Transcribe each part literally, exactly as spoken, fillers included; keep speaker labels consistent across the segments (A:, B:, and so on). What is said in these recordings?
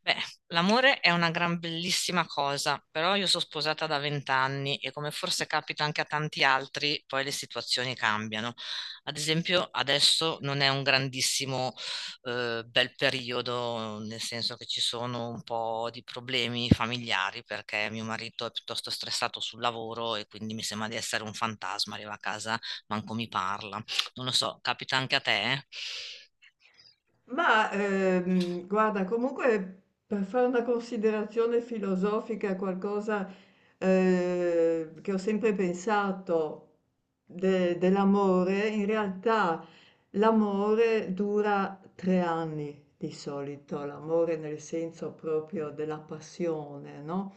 A: Beh, l'amore è una gran bellissima cosa, però io sono sposata da vent'anni e come forse capita anche a tanti altri, poi le situazioni cambiano. Ad esempio, adesso non è un grandissimo eh, bel periodo, nel senso che ci sono un po' di problemi familiari perché mio marito è piuttosto stressato sul lavoro e quindi mi sembra di essere un fantasma, arriva a casa, manco mi parla. Non lo so, capita anche a te?
B: Ma ehm, guarda, comunque per fare una considerazione filosofica, qualcosa eh, che ho sempre pensato de- dell'amore, in realtà l'amore dura tre anni di solito, l'amore nel senso proprio della passione, no?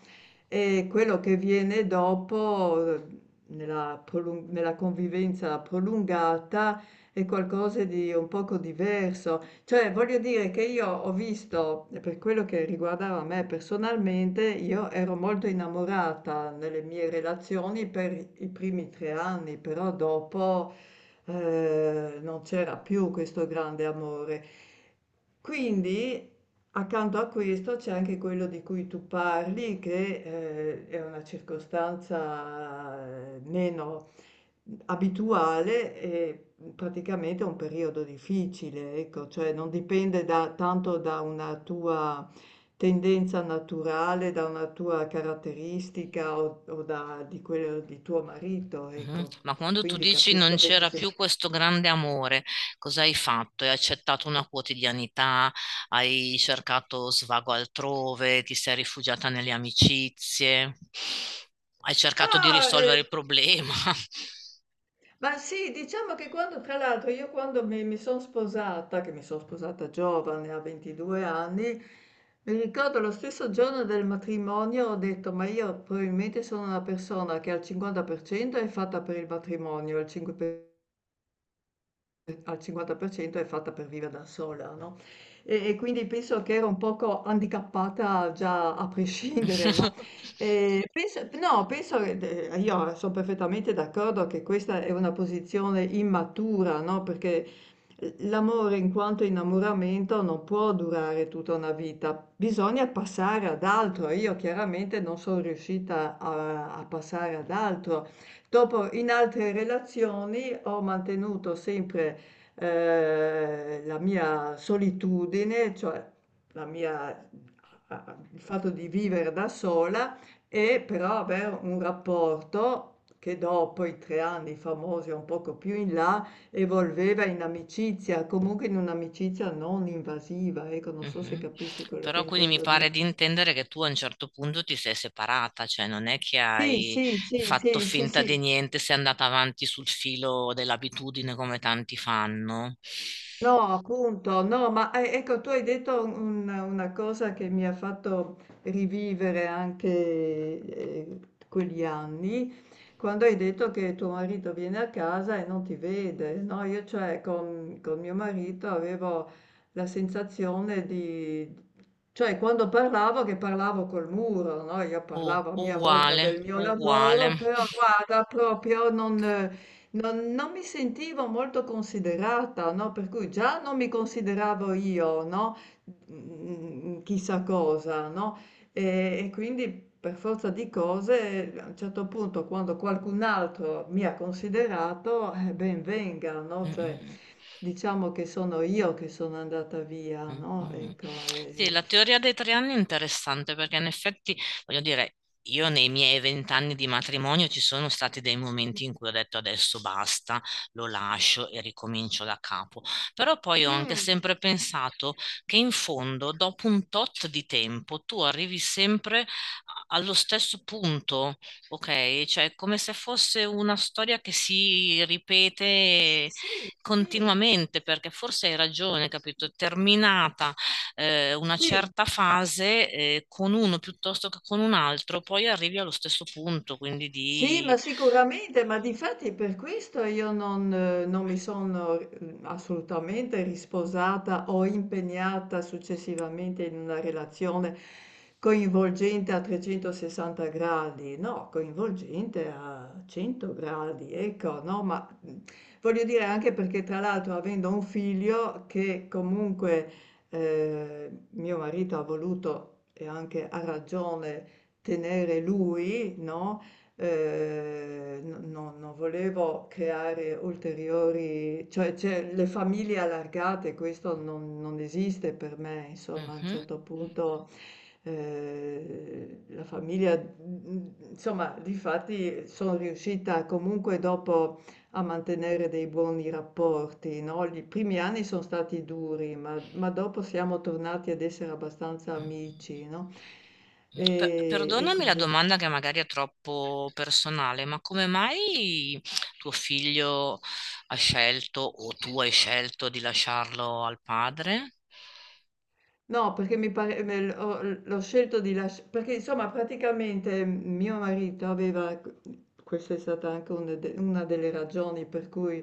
B: E quello che viene dopo, eh, nella prolung- nella convivenza prolungata, è qualcosa di un poco diverso. Cioè, voglio dire che io ho visto, per quello che riguardava me personalmente, io ero molto innamorata nelle mie relazioni per i primi tre anni, però dopo eh, non c'era più questo grande amore. Quindi, accanto a questo c'è anche quello di cui tu parli, che eh, è una circostanza eh, meno abituale e, mhmm, praticamente è un periodo difficile, ecco, cioè non dipende da tanto da una tua tendenza naturale, da una tua caratteristica o o da di quello di tuo marito,
A: Mh-mh.
B: ecco.
A: Ma quando tu
B: Quindi
A: dici:
B: capisco
A: "Non c'era
B: benissimo.
A: più questo grande amore", cos'hai fatto? Hai accettato una quotidianità, hai cercato svago altrove, ti sei rifugiata nelle amicizie, hai cercato di
B: Ma,
A: risolvere
B: ehm
A: il problema.
B: ma sì, diciamo che quando, tra l'altro, io quando mi, mi sono sposata, che mi sono sposata giovane, a ventidue anni, mi ricordo lo stesso giorno del matrimonio ho detto, ma io probabilmente sono una persona che al cinquanta per cento è fatta per il matrimonio, al cinque per cento... Ehm, al cinquanta per cento è fatta per vivere da sola, no, e e quindi penso che ero un poco handicappata già a prescindere, no, ehm, penso no, penso che de io son perfettamente d'accordo che questa è una posizione immatura, no, perché, uhm, l'amore in quanto innamoramento non può durare tutta una vita, bisogna passare ad altro. Io chiaramente non son riuscita a a passare ad altro. Dopo in altre relazioni ho mantenuto sempre eh, la mia solitudine, cioè la mia- a- a- il fatto di vivere da sola e però avere un rapporto che dopo i tre anni famosi, un poco più in là, evolveva in amicizia, comunque in un'amicizia non invasiva, ecco, non so se
A: Mh-mh.
B: capisci quello che
A: Però quindi mi
B: intendo
A: pare
B: dire.
A: di intendere che tu a un certo punto ti sei separata, cioè non è che
B: Sì,
A: hai
B: sì, sì,
A: fatto
B: sì, sì,
A: finta di
B: sì.
A: niente, sei andata avanti sul filo dell'abitudine come tanti fanno.
B: No, appunto, no, ma eh, ecco, tu hai detto un- una cosa che mi ha fatto rivivere anche eh, quegli anni, quando hai detto che tuo marito viene a casa e non ti vede, no? Io cioè con, con mio marito avevo la sensazione di, cioè quando parlavo che parlavo col muro, no? Io
A: U-
B: parlavo a mia volta
A: uguale,
B: del mio
A: uguale.
B: lavoro, però guarda, proprio non... Non, non mi sentivo molto considerata, no? Per cui già non mi consideravo io, no? Mm, chissà cosa, no? E, e quindi per forza di cose, a un certo punto, quando qualcun altro mi ha considerato, eh, ben venga,
A: Mm,
B: no? Cioè,
A: mm,
B: diciamo che sono io che sono andata via,
A: mm,
B: no?
A: mm, mm.
B: Ecco,
A: Sì,
B: e-
A: la teoria dei tre anni è interessante perché in effetti, voglio dire, io nei miei vent'anni di matrimonio ci sono stati dei momenti in cui ho detto adesso basta, lo lascio e ricomincio da capo. Però poi ho anche
B: Mm,
A: sempre pensato che in fondo, dopo un tot di tempo, tu arrivi sempre allo stesso punto, ok? Cioè, è come se fosse una storia che si
B: s-
A: ripete
B: sì, sì.
A: continuamente, perché forse hai ragione, capito? Terminata eh, una
B: sì,
A: certa fase eh, con uno piuttosto che con un altro, poi arrivi allo stesso punto, quindi
B: Sì,
A: di...
B: ma sicuramente, ma difatti per questo io non, eh, non mi sono eh, assolutamente risposata o impegnata successivamente in una relazione coinvolgente a trecentosessanta gradi, no, coinvolgente a cento gradi, ecco, no, ma mm, voglio dire anche perché tra l'altro avendo un figlio che comunque eh, mio marito ha voluto e anche a ragione tenere lui, no? Eh, no- no- non volevo creare ulteriori, cioè, cioè, le famiglie allargate, questo non, non esiste per me, insomma, a un
A: Mhm.
B: certo punto eh, la famiglia, insomma, difatti sono riuscita comunque dopo a mantenere dei buoni rapporti, no? I primi anni sono stati duri, ma, ma dopo siamo tornati ad essere abbastanza amici, no?
A: Per-
B: E, e
A: Perdonami la
B: così.
A: domanda che magari è troppo personale, ma come mai tuo figlio ha scelto o tu hai scelto di lasciarlo al padre?
B: No, perché mi pare me l ho l l'ho scelto di lascia perché insomma praticamente mio marito aveva q questa è stata anche un de una delle ragioni per cui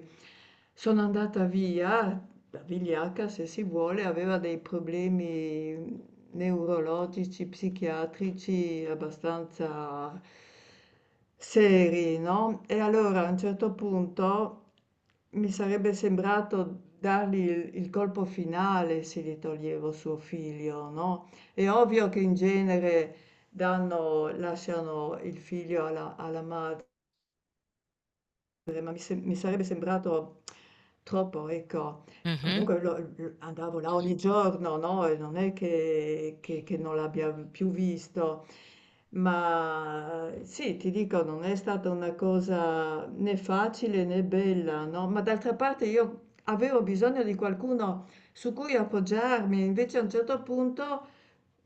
B: sono andata via, da vigliacca se si vuole, aveva dei problemi neurologici, psichiatrici abbastanza seri, no? E allora a un certo punto mi sarebbe sembrato dargli il, il colpo finale se gli toglievo suo figlio, no? È ovvio che in genere danno, lasciano il figlio alla, alla madre, mi, sem- mi sarebbe sembrato troppo, ecco. Comunque lo- lo- andavo là ogni giorno, no? E non è che, che- che non l'abbia più visto, ma eh, sì, ti dico, non è stata una cosa né facile né bella, no? Ma d'altra parte io avevo bisogno di qualcuno su cui appoggiarmi, invece a un certo punto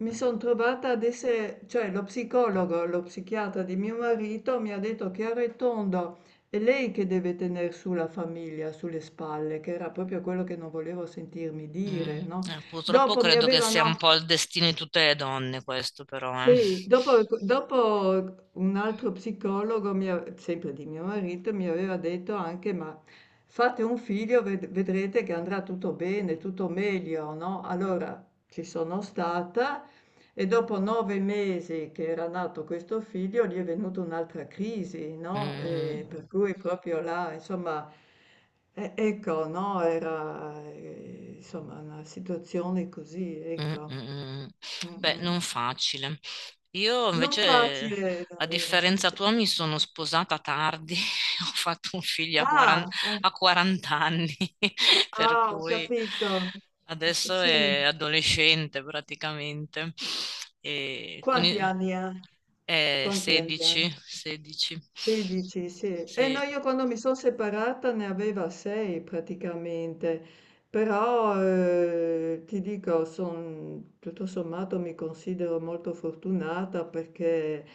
B: mi sono trovata ad essere, cioè lo psicologo, lo psichiatra di mio marito mi ha detto chiaro e tondo, è lei che deve tener su la famiglia, sulle spalle, che era proprio quello che non volevo sentirmi
A: Mm,
B: dire, no?
A: eh, purtroppo
B: Dopo mi
A: credo che sia un
B: avevano,
A: po' il destino di tutte le donne questo però, eh.
B: sì, dopo dopo un altro psicologo, mi ha- sempre di mio marito, mi aveva detto anche, ma fate un figlio, ved- vedrete che andrà tutto bene, tutto meglio, no? Allora ci sono stata e dopo nove mesi che era nato questo figlio, gli è venuta un'altra crisi, no?
A: Mm,
B: E per cui proprio là, insomma... E- Ecco, no, era eh, insomma una situazione così,
A: mm, mm,
B: ecco.
A: mm, mm.
B: Mm,
A: Beh,
B: mm.
A: non facile. Io
B: Non
A: invece,
B: facile.
A: a differenza
B: Se-
A: tua, mi sono sposata tardi, ho fatto un figlio a
B: ah,
A: quaranta,
B: eh,
A: a quaranta anni, per
B: ah, ho
A: cui
B: capito.
A: adesso
B: Sì,
A: è adolescente praticamente, e con
B: quanti
A: i-
B: anni ha?
A: è
B: Quanti anni ha?
A: sedici, sedici,
B: sedici, sì. E no,
A: sì.
B: io quando mi sono separata ne aveva sei praticamente, però eh, ti dico, son- tutto sommato mi considero molto fortunata perché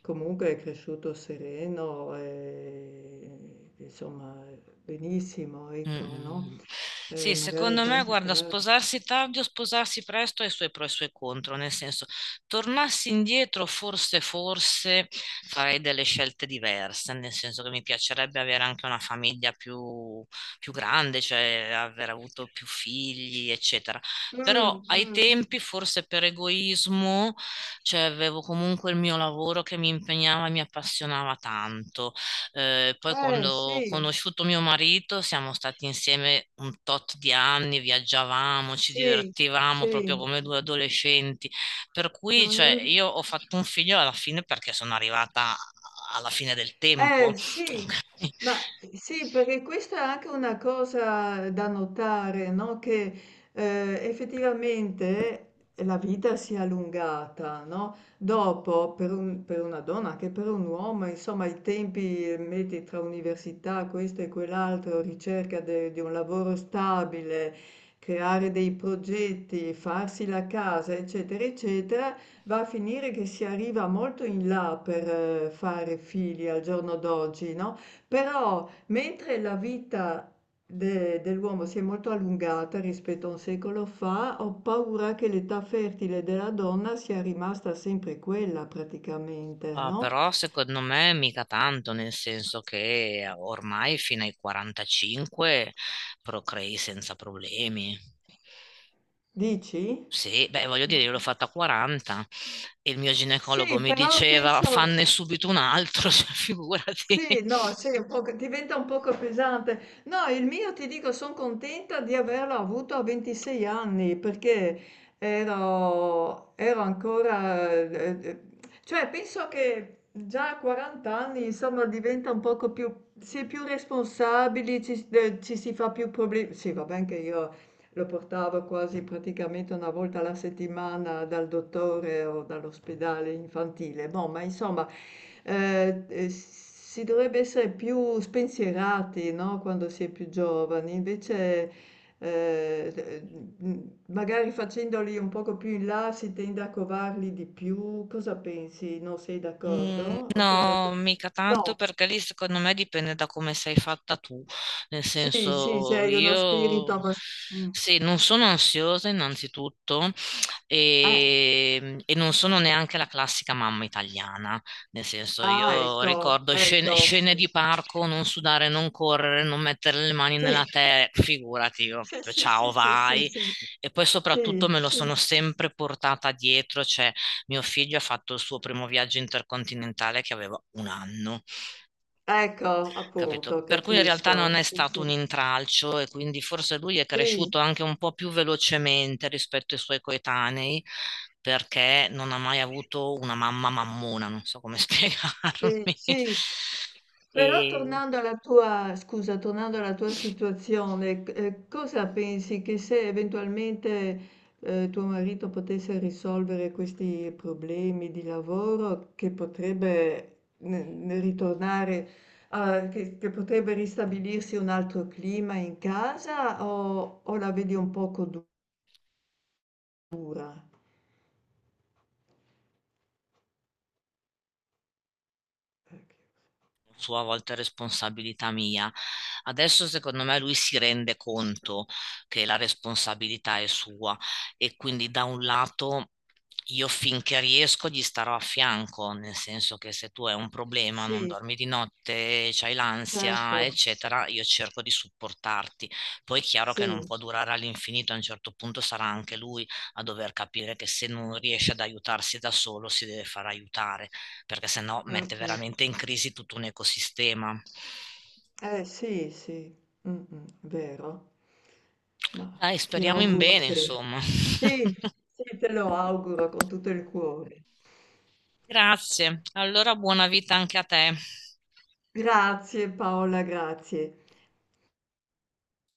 B: comunque è cresciuto sereno e insomma benissimo, ecco, no?
A: Mh-mh.
B: Eh,
A: Sì,
B: magari in
A: secondo me
B: tanti
A: guarda,
B: casi.
A: sposarsi tardi o sposarsi presto ha i suoi pro e i suoi contro, nel senso, tornassi indietro forse, forse farei delle scelte diverse, nel senso che mi piacerebbe avere anche una famiglia più più grande, cioè aver avuto più figli, eccetera. Però
B: Mm,
A: ai
B: mm.
A: tempi, forse per egoismo, cioè avevo comunque il mio lavoro che mi impegnava e mi appassionava tanto. Eh, poi
B: Eh
A: quando ho
B: sì,
A: conosciuto mio marito siamo stati insieme un tot di anni, viaggiavamo, ci
B: sì,
A: divertivamo
B: sì.
A: proprio come due adolescenti, per cui cioè,
B: Mm.
A: io ho fatto un figlio alla fine perché sono arrivata alla fine del tempo.
B: Eh sì,
A: Ok?
B: ma sì, perché questa è anche una cosa da notare, no? Che eh, effettivamente la vita si è allungata, no? Dopo, per un- per una donna, anche per un uomo, insomma, i tempi, eh, metti tra università, questo e quell'altro, ricerca de- di un lavoro stabile, creare dei progetti, farsi la casa, eccetera, eccetera. Va a finire che si arriva molto in là per eh, fare figli al giorno d'oggi, no? Però mentre la vita de- dell'uomo si è molto allungata rispetto a un secolo fa, ho paura che l'età fertile della donna sia rimasta sempre quella praticamente,
A: Ah,
B: no?
A: però secondo me mica tanto, nel senso che ormai fino ai quarantacinque procrei senza problemi.
B: Dici?
A: Sì, beh, voglio dire, io l'ho fatta a quaranta e il mio ginecologo
B: Sì,
A: mi
B: però
A: diceva
B: penso...
A: fanne subito un altro, cioè, figurati.
B: Sì, no, sì, è un poco diventa un poco pesante. No, il mio ti dico, sono contenta di averlo avuto a ventisei anni perché ero, ero ancora, eh, eh, cioè penso che già a quaranta anni, insomma, diventa un poco più, si è più responsabili, ci, eh, ci si fa più problemi. Sì, va bene che io lo portavo quasi praticamente una volta alla settimana dal dottore o dall'ospedale infantile. Boh, ma insomma, eh, eh, si dovrebbe essere più spensierati, no? Quando si è più giovani. Invece, eh, eh, magari facendoli un poco più in là si tende a covarli di più. Cosa pensi? Non sei
A: Mm,
B: d'accordo? O per la
A: no,
B: tua...
A: mica tanto
B: No,
A: perché lì secondo me dipende da come sei fatta tu. Nel
B: sì, sì,
A: senso,
B: sei uno spirito
A: io
B: abbastanza...
A: sì, non sono ansiosa innanzitutto e, e non sono neanche la classica mamma italiana. Nel senso,
B: Ah,
A: io
B: ecco,
A: ricordo scene,
B: ecco, sì.
A: scene di parco, non sudare, non correre, non mettere le mani
B: Sì,
A: nella terra, figurati, io
B: sì,
A: proprio
B: sì,
A: ciao,
B: sì, sì,
A: vai.
B: sì,
A: E poi
B: sì,
A: soprattutto me lo
B: sì.
A: sono sempre portata dietro, cioè mio figlio ha fatto il suo primo viaggio intercontinentale che aveva un anno,
B: Ecco,
A: capito?
B: appunto,
A: Per cui in realtà
B: capisco.
A: non è
B: Sì,
A: stato
B: sì,
A: un intralcio e quindi forse lui è
B: sì.
A: cresciuto anche un po' più velocemente rispetto ai suoi coetanei perché non ha mai avuto una mamma mammona, non so come
B: Sì,
A: spiegarmi.
B: sì. Però
A: E
B: tornando alla tua scusa, tornando alla tua situazione, c- eh, cosa pensi che se eventualmente eh, tuo marito potesse risolvere questi problemi di lavoro, che potrebbe ne- ne ritornare, a- che, che potrebbe ristabilirsi un altro clima in casa o, o la vedi un poco dura? Ecco.
A: sua a volte responsabilità mia. Adesso secondo me lui si rende conto che la responsabilità è sua e quindi da un lato io finché riesco gli starò a fianco, nel senso che se tu hai un problema, non
B: Sì,
A: dormi di notte, c'hai
B: certo,
A: l'ansia, eccetera, io cerco di supportarti. Poi è chiaro che non
B: sì.
A: può durare all'infinito, a un certo punto sarà anche lui a dover capire che se non riesce ad aiutarsi da solo si deve far aiutare perché sennò
B: Mm,
A: mette veramente
B: mm.
A: in crisi tutto un ecosistema.
B: Eh sì, sì, mh-mh, vero. Ma
A: Dai,
B: ti
A: speriamo in
B: auguro
A: bene,
B: che...
A: insomma.
B: Sì, sì, te lo auguro con tutto il cuore.
A: Grazie. Allora buona vita anche a te.
B: Grazie Paola, grazie.